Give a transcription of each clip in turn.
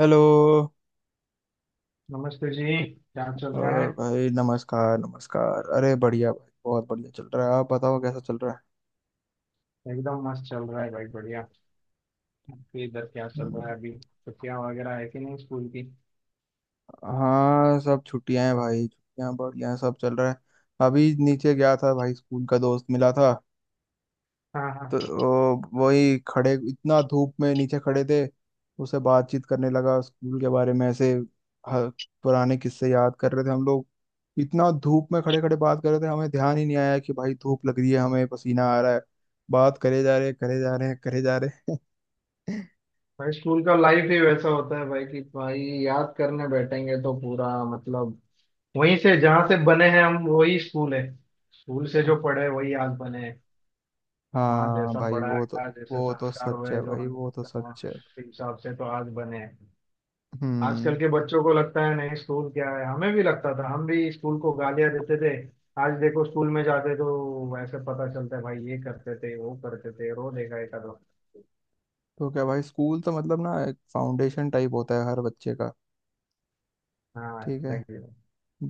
Hello. नमस्ते जी। क्या चल रहा है? और भाई, नमस्कार नमस्कार। अरे बढ़िया भाई, बहुत बढ़िया चल रहा है। आप बताओ, कैसा चल रहा है? एकदम मस्त चल रहा है भाई बढ़िया। आपके इधर क्या चल रहा हम्म, है? अभी छुट्टियां वगैरह है कि नहीं स्कूल की? हाँ सब छुट्टियां हैं भाई, छुट्टियां बढ़िया हैं, सब चल रहा है। अभी नीचे गया था भाई, स्कूल का दोस्त मिला था। हाँ हाँ। तो वही खड़े, इतना धूप में नीचे खड़े थे। उससे बातचीत करने लगा स्कूल के बारे में, ऐसे ह- पुराने किस्से याद कर रहे थे हम लोग। इतना धूप में खड़े खड़े बात कर रहे थे, हमें ध्यान ही नहीं आया कि भाई धूप लग रही है, हमें पसीना आ रहा है। बात करे जा रहे, करे जा रहे, करे जा रहे। भाई स्कूल का लाइफ ही वैसा होता है भाई कि भाई याद करने बैठेंगे तो पूरा मतलब वहीं से जहाँ से बने हैं हम वही स्कूल है। स्कूल से जो पढ़े वही आज बने हैं। वहाँ हाँ जैसा भाई, पढ़ाया वो तो गया जैसे वो तो संस्कार सच हुए है जो भाई, हमें वो तो वहाँ सच है। उसी हिसाब से तो आज बने हैं। आजकल हम्म। के बच्चों को लगता है नहीं स्कूल क्या है, हमें भी लगता था, हम भी स्कूल को गालियां देते थे। आज देखो स्कूल में जाते तो ऐसे पता चलता है भाई ये करते थे वो करते थे, रो देगा एक दो। तो क्या भाई, स्कूल तो मतलब ना एक फाउंडेशन टाइप होता है हर बच्चे का। हाँ ठीक है। सही।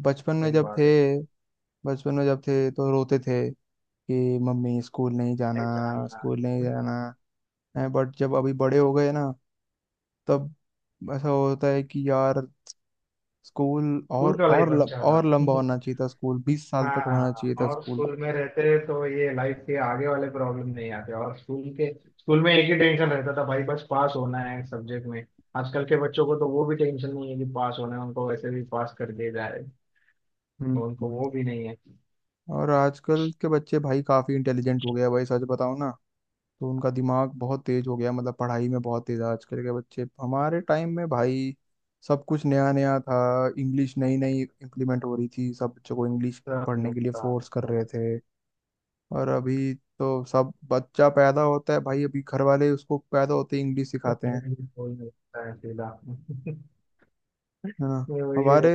बचपन में सही जब थे बात है। बचपन में जब थे तो रोते थे कि मम्मी, स्कूल नहीं जाना, नहीं जानना। स्कूल नहीं जाना। बट जब अभी बड़े हो गए ना, तब ऐसा होता है कि यार, स्कूल स्कूल और का लाइफ और ल, अच्छा था। और लंबा होना चाहिए था, स्कूल 20 साल तक होना हाँ चाहिए था और स्कूल। स्कूल में रहते तो ये लाइफ के आगे वाले प्रॉब्लम नहीं आते, और स्कूल के। स्कूल में एक ही टेंशन रहता था भाई, बस पास होना है सब्जेक्ट में। आजकल के बच्चों को तो वो भी टेंशन नहीं है कि पास होना है, उनको वैसे भी पास कर दिया जाए। हम्म। तो उनको हम्म। वो भी नहीं है। और आजकल के बच्चे भाई काफी इंटेलिजेंट हो गया भाई, सच बताऊं ना, तो उनका दिमाग बहुत तेज हो गया, मतलब पढ़ाई में बहुत तेज है आजकल के बच्चे। हमारे टाइम में भाई सब कुछ नया नया था, इंग्लिश नई नई इम्प्लीमेंट हो रही थी, सब बच्चों को इंग्लिश सब नहीं पढ़ने के लिए होता फोर्स कर है। रहे थे। और अभी तो सब बच्चा पैदा होता है भाई, अभी घर वाले उसको पैदा होते ही इंग्लिश सिखाते कोई हैं। नहीं होता है अकेला। है ना। तो वही है। हमारे,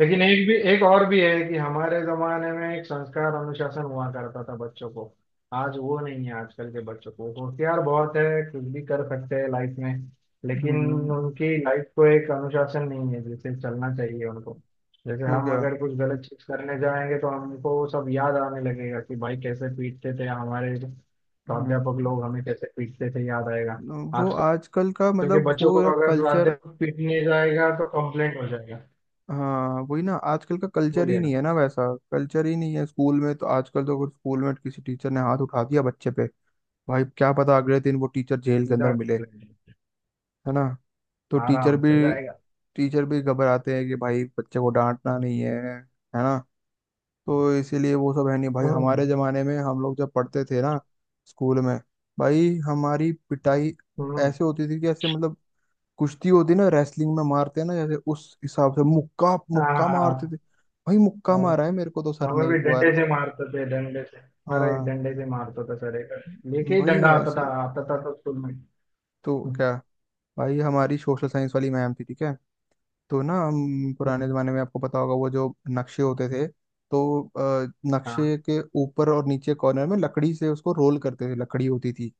लेकिन एक और भी है कि हमारे जमाने में एक संस्कार अनुशासन हुआ करता था बच्चों को। आज वो नहीं है। आजकल के बच्चों को होशियार बहुत है। कुछ भी कर सकते हैं लाइफ में। लेकिन हम्म, उनकी लाइफ को एक अनुशासन नहीं है जैसे चलना चाहिए उनको। जैसे तो हम क्या, अगर कुछ गलत चीज करने जाएंगे तो हमको वो सब याद आने लगेगा कि भाई कैसे पीटते थे हमारे हम्म, प्राध्यापक लोग, हमें कैसे पीटते थे याद आएगा। वो आजकल आजकल का के मतलब बच्चों को वो अगर कल्चर। प्राध्यापक पीटने जाएगा तो कंप्लेंट हो जाएगा। हाँ वही ना, आजकल का वो कल्चर ही नहीं लेना है ना वैसा। कल्चर ही नहीं है स्कूल में। तो आजकल तो अगर स्कूल में किसी टीचर ने हाथ उठा दिया बच्चे पे, भाई क्या पता अगले दिन वो टीचर जेल के अंदर सीधा मिले। complaint, है ना। तो टीचर आराम भी, से जाएगा। टीचर भी घबराते हैं कि भाई बच्चे को डांटना नहीं है। है ना। तो इसीलिए वो सब है नहीं भाई। हम्म, हमारे जमाने में हम लोग जब पढ़ते थे ना स्कूल में, भाई हमारी पिटाई हम्म। ऐसे होती थी कि ऐसे मतलब, कुश्ती होती ना, रेसलिंग में मारते हैं ना जैसे, उस हिसाब से मुक्का हाँ मुक्का हाँ मारते हाँ, थे। भाई मुक्का हम- मारा है मेरे को तो सर हमें ने भी एक डंडे बार। से मारते थे। डंडे से हमारा एक हाँ। डंडे से मारता था सर, एक लेके ही भाई डंडा ये आता था, ऐसे, आता था तो स्कूल में। तो हम्म, क्या भाई हमारी सोशल साइंस वाली मैम थी, ठीक है। तो ना हम पुराने हम्म, जमाने में, आपको पता होगा, वो जो नक्शे होते थे, तो हाँ नक्शे के ऊपर और नीचे कॉर्नर में लकड़ी से उसको रोल करते थे, लकड़ी होती थी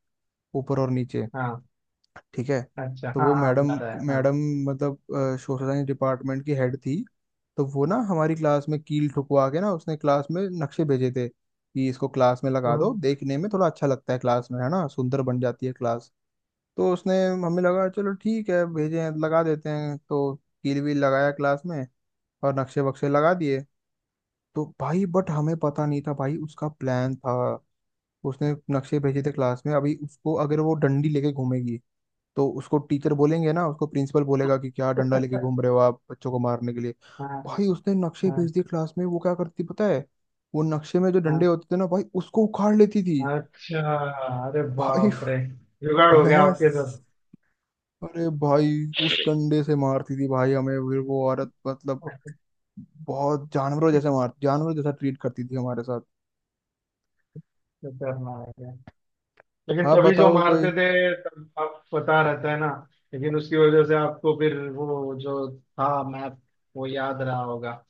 ऊपर और नीचे, हाँ। ठीक है। अच्छा, तो हाँ वो हाँ, मैडम, याद आया, हाँ। मैडम मतलब सोशल साइंस डिपार्टमेंट की हेड थी। तो वो ना हमारी क्लास में कील ठुकवा के ना, उसने क्लास में नक्शे भेजे थे कि इसको क्लास में लगा दो, हम्म, देखने में थोड़ा अच्छा लगता है क्लास में, है ना, सुंदर बन जाती है क्लास। तो उसने, हमें लगा चलो ठीक है, भेजे हैं लगा देते हैं। तो कील वील लगाया क्लास में और नक्शे वक्शे लगा दिए। तो भाई, बट हमें पता नहीं था भाई उसका प्लान था। उसने नक्शे भेजे थे क्लास में, अभी उसको अगर वो डंडी लेके घूमेगी तो उसको टीचर बोलेंगे ना, उसको प्रिंसिपल बोलेगा कि क्या डंडा लेके घूम रहे हो आप, बच्चों को मारने के लिए। हाँ भाई उसने नक्शे हाँ भेज दिए क्लास में, वो क्या करती पता है, वो नक्शे में जो डंडे हाँ। होते थे ना भाई, उसको उखाड़ लेती थी। अच्छा। अरे भाई बाप रे। जुगाड़ हो गया मैं, आपके साथ। अरे भाई उस डंडे से मारती थी भाई हमें, फिर वो औरत मतलब बहुत जानवरों जैसे मार, जानवरों जैसा ट्रीट करती थी हमारे साथ। खतरनाक है। लेकिन आप तभी जो बताओ मारते कोई, थे तब आप पता रहता है ना। लेकिन उसकी वजह से आपको फिर वो जो था मैप वो याद रहा होगा,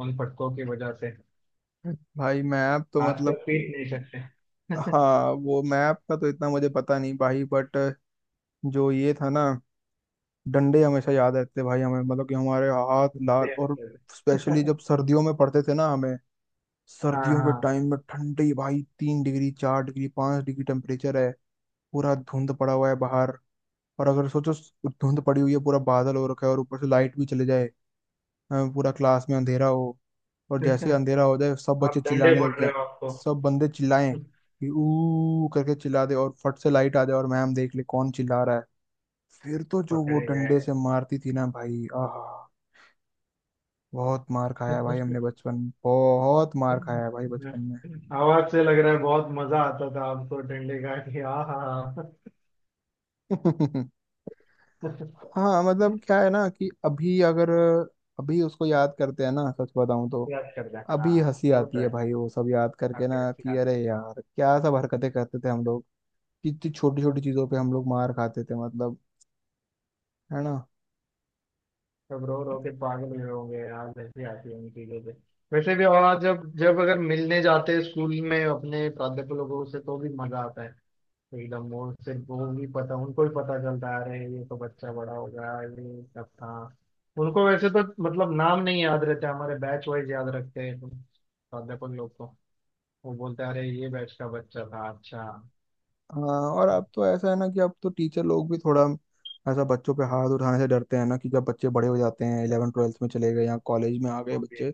उन फटकों की वजह से। भाई मैप तो आजकल मतलब, पीट नहीं सकते। हाँ वो मैप का तो इतना मुझे पता नहीं भाई, बट जो ये था ना, डंडे हमेशा याद रहते भाई हमें, मतलब कि हमारे हाथ लाल। इसलिए और याद रहता स्पेशली है। जब सर्दियों में पड़ते थे ना हमें, हाँ सर्दियों के हाँ। टाइम में ठंडी, भाई 3 डिग्री, 4 डिग्री, 5 डिग्री टेम्परेचर है, पूरा धुंध पड़ा हुआ है बाहर। और अगर सोचो, धुंध पड़ी हुई है, पूरा बादल हो रखा है, और ऊपर से लाइट भी चले जाए, पूरा क्लास में अंधेरा हो, और जैसे ही अंधेरा हो जाए सब बच्चे आप डंडे चिल्लाने फोड़ लग रहे जाए, हो आपको। सब बंदे चिल्लाएं कि ऊ करके चिल्ला दे, और फट से लाइट आ जाए और मैम देख ले कौन चिल्ला रहा है। फिर तो जो वो पकड़े गए। डंडे से मारती थी ना भाई, आहा। बहुत मार खाया है भाई हमने बचपन, बहुत मार खाया है भाई बचपन में। आवाज से लग रहा है बहुत मजा आता था आपको डंडे का, कि हाँ हाँ। हाँ। हाँ मतलब क्या है ना कि अभी अगर, अभी उसको याद करते हैं ना, सच बताऊं तो याद करता है, हाँ। अभी हंसी वो आती तो है है। भाई वो सब याद करके आपकी ना, अच्छी कि बात अरे है। यार क्या सब हरकतें करते थे हम लोग। कितनी छोटी छोटी चीजों पे हम लोग मार खाते थे मतलब। है ना। सब रो रो के पागल हुए होंगे यार, ऐसी आती है उन चीजों से। वैसे भी, और जब जब अगर मिलने जाते हैं स्कूल में अपने प्राध्यापक लोगों से तो भी मजा आता है। एकदम वो से वो भी पता, उनको भी पता चलता है अरे ये तो बच्चा बड़ा हो गया, ये सब था। उनको वैसे तो मतलब नाम नहीं याद रहते, हमारे बैच वाइज याद रखते हैं तो प्राध्यापक लोग को। वो बोलते हैं अरे ये बैच का बच्चा था, अच्छा। हाँ और अब तो ऐसा है ना कि अब तो टीचर लोग भी थोड़ा ऐसा बच्चों पे हाथ उठाने से डरते हैं ना, कि जब बच्चे बड़े हो जाते हैं, इलेवन ट्वेल्थ में चले गए या कॉलेज में आ गए वो भी है। बच्चे,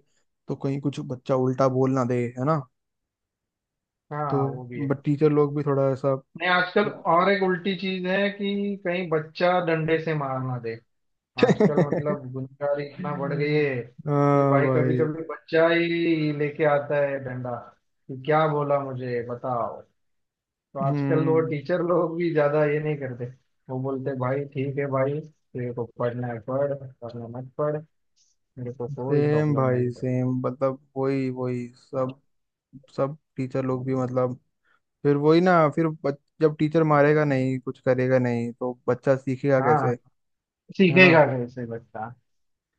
तो कहीं कुछ बच्चा उल्टा बोल ना दे। है ना। तो, हाँ वो भी है। बट टीचर लोग भी थोड़ा ऐसा। नहीं आजकल और एक उल्टी चीज है कि कहीं बच्चा डंडे से मार ना दे। आजकल मतलब गुनहगारी इतना बढ़ गई है कि हाँ भाई कभी भाई। कभी बच्चा ही लेके आता है डंडा कि क्या बोला मुझे बताओ। तो आजकल वो हम्म। टीचर लोग भी ज्यादा ये नहीं करते। वो बोलते भाई ठीक है भाई तेरे को पढ़ना है पढ़, पढ़ना मत पढ़, मेरे को कोई सेम प्रॉब्लम नहीं भाई है। सेम, मतलब वही वही सब, सब टीचर लोग भी मतलब फिर वही ना, फिर जब टीचर मारेगा नहीं, कुछ करेगा नहीं तो बच्चा सीखेगा हाँ। कैसे। है ना। सीखेगा कैसे बच्चा।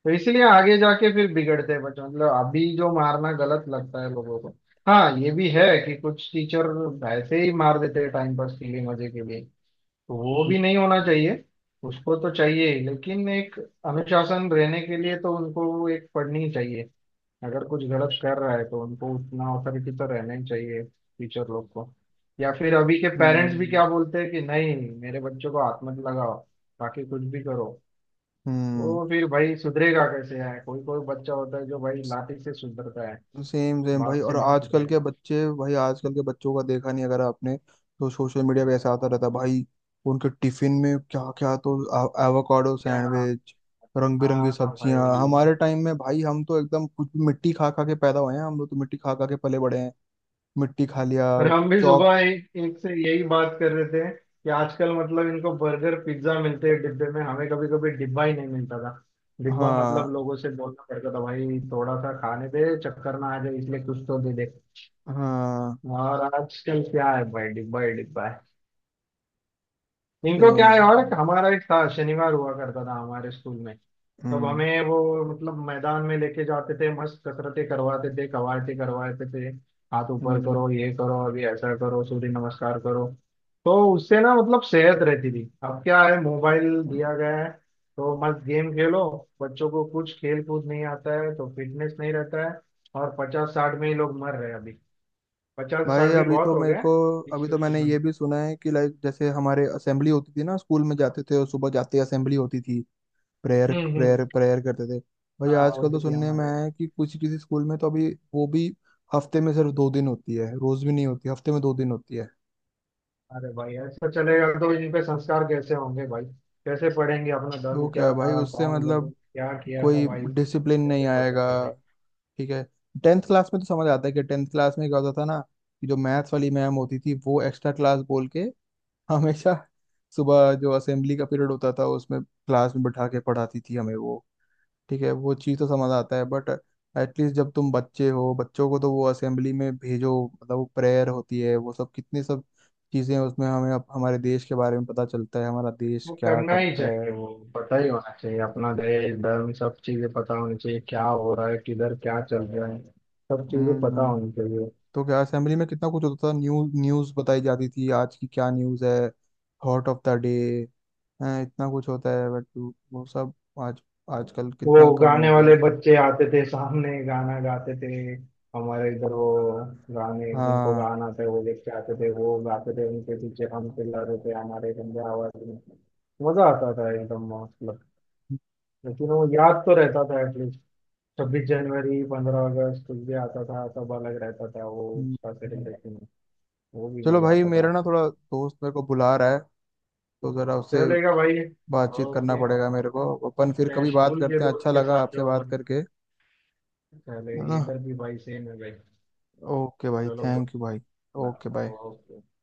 तो इसलिए आगे जाके फिर बिगड़ते हैं बच्चे, मतलब अभी जो मारना गलत लगता है लोगों को। हाँ ये भी है कि कुछ टीचर ऐसे ही मार देते हैं, टाइम पास के लिए, मजे के लिए। तो वो हम्म। भी नहीं होना चाहिए। उसको तो चाहिए ही, लेकिन एक अनुशासन रहने के लिए तो उनको एक पढ़नी चाहिए। अगर कुछ गलत कर रहा है तो उनको उतना अथॉरिटी तो रहना ही चाहिए टीचर लोग को। या फिर अभी के पेरेंट्स भी क्या बोलते हैं कि नहीं मेरे बच्चों को हाथ मत लगाओ, बाकी कुछ भी करो। हम्म। वो फिर भाई सुधरेगा कैसे? है कोई कोई बच्चा होता है जो भाई लाठी से सुधरता है, सेम सेम भाई। बात से और नहीं आजकल सुधरेगा। के बच्चे भाई, आजकल के बच्चों का देखा नहीं अगर आपने तो, सोशल मीडिया पे ऐसा आता रहता है, भाई उनके टिफिन में क्या क्या, तो एवोकाडो क्या? सैंडविच, रंग बिरंगी हाँ ना सब्जियां। भाई। हमारे टाइम में भाई हम तो एकदम कुछ भी मिट्टी खा खा के पैदा हुए हैं, हम लोग तो मिट्टी खा खा के पले बड़े हैं। मिट्टी खा लिया अरे हम भी चौक। सुबह एक एक से यही बात कर रहे थे कि आजकल मतलब इनको बर्गर पिज्जा मिलते हैं डिब्बे में, हमें कभी कभी डिब्बा ही नहीं मिलता था। डिब्बा हाँ मतलब लोगों से बोलना पड़ता था भाई थोड़ा सा खाने दे, चक्कर ना आ जाए, इसलिए कुछ तो दे दे। हाँ और आजकल क्या है भाई डिब्बा ही डिब्बा है। इनको सेम। क्या है, और हमारा एक था शनिवार हुआ करता था हमारे स्कूल में। तब हम्म। हमें वो मतलब मैदान में लेके जाते थे, मस्त कसरतें करवाते थे, कवायते करवाते थे। हाथ ऊपर हम्म। करो, ये करो, अभी ऐसा करो, सूर्य नमस्कार करो। तो उससे ना मतलब सेहत रहती थी, अब क्या है मोबाइल दिया गया है तो मस्त गेम खेलो। बच्चों को कुछ खेल कूद नहीं आता है तो फिटनेस नहीं रहता है। और 50 60 में ही लोग मर रहे हैं अभी। पचास भाई साठ भी अभी बहुत तो हो मेरे गए। को, इस अभी तो मैंने किस्म। ये भी सुना है कि लाइक जैसे हमारे असेंबली होती थी ना, स्कूल में जाते थे और सुबह जाते ही असेंबली होती थी, प्रेयर हम्म, प्रेयर हम्म। प्रेयर करते थे। भाई हाँ आजकल होती तो थी सुनने में हमारे। आया है कि कुछ किसी स्कूल में तो अभी वो भी हफ्ते में सिर्फ 2 दिन होती है, रोज भी नहीं होती, हफ्ते में 2 दिन होती है। अरे भाई ऐसा चलेगा तो इनके संस्कार कैसे होंगे भाई? कैसे पढ़ेंगे, अपना धर्म तो क्या क्या है था, भाई, उससे कौन लोग मतलब क्या किया था, कोई भाई डिसिप्लिन नहीं कैसे पता आएगा। चलेगा? ठीक है, टेंथ क्लास में तो समझ आता है कि टेंथ क्लास में क्या होता था ना, कि जो मैथ्स वाली मैम होती थी, वो एक्स्ट्रा क्लास बोल के हमेशा सुबह जो असेंबली का पीरियड होता था उसमें क्लास में बैठा के पढ़ाती थी हमें वो। ठीक है, वो चीज़ तो समझ आता है बट, एटलीस्ट जब तुम बच्चे हो बच्चों को तो वो असेंबली में भेजो, मतलब वो प्रेयर होती है, वो सब कितनी सब चीज़ें उसमें हमें हमारे देश के बारे में पता चलता है, हमारा देश वो क्या करना ही करता चाहिए। है। वो पता ही होना चाहिए, अपना देश धर्म सब चीजें पता होनी चाहिए, क्या हो रहा है किधर क्या चल रहा है। सब चीजें पता हम्म। होनी चाहिए। तो क्या, असेंबली में कितना कुछ होता था, न्यूज़ बताई जाती थी, आज की क्या न्यूज़ है, थॉट ऑफ द डे, इतना कुछ होता है बट वो सब आज, आजकल वो कितना कम गाने हो गया। वाले बच्चे आते थे सामने गाना गाते थे। हमारे इधर वो गाने जिनको हाँ। गाना था वो लेके आते थे, वो गाते थे, उनके पीछे हम चिल्लाते थे, हमारे गंदे आवाज में। मजा आता था एकदम, मतलब। लेकिन वो याद तो रहता था एटलीस्ट। 26 जनवरी, 15 अगस्त, कुछ भी आता था सब अलग रहता था वो हम्म, उसका हम्म। सेलिब्रेशन। वो भी चलो मजा भाई आता था। मेरा ना थोड़ा दोस्त मेरे को बुला रहा है, तो जरा उससे चलेगा भाई। बातचीत करना ओके। पड़ेगा मेरे को। अपन फिर मिलते हैं कभी बात स्कूल के करते हैं, दोस्त अच्छा के लगा साथ आपसे जो बात भाई। करके। चले है ना। इधर भी भाई सेम है भाई। ओके भाई, चलो bro। थैंक यू भाई। Nah, okay No bye. no, no.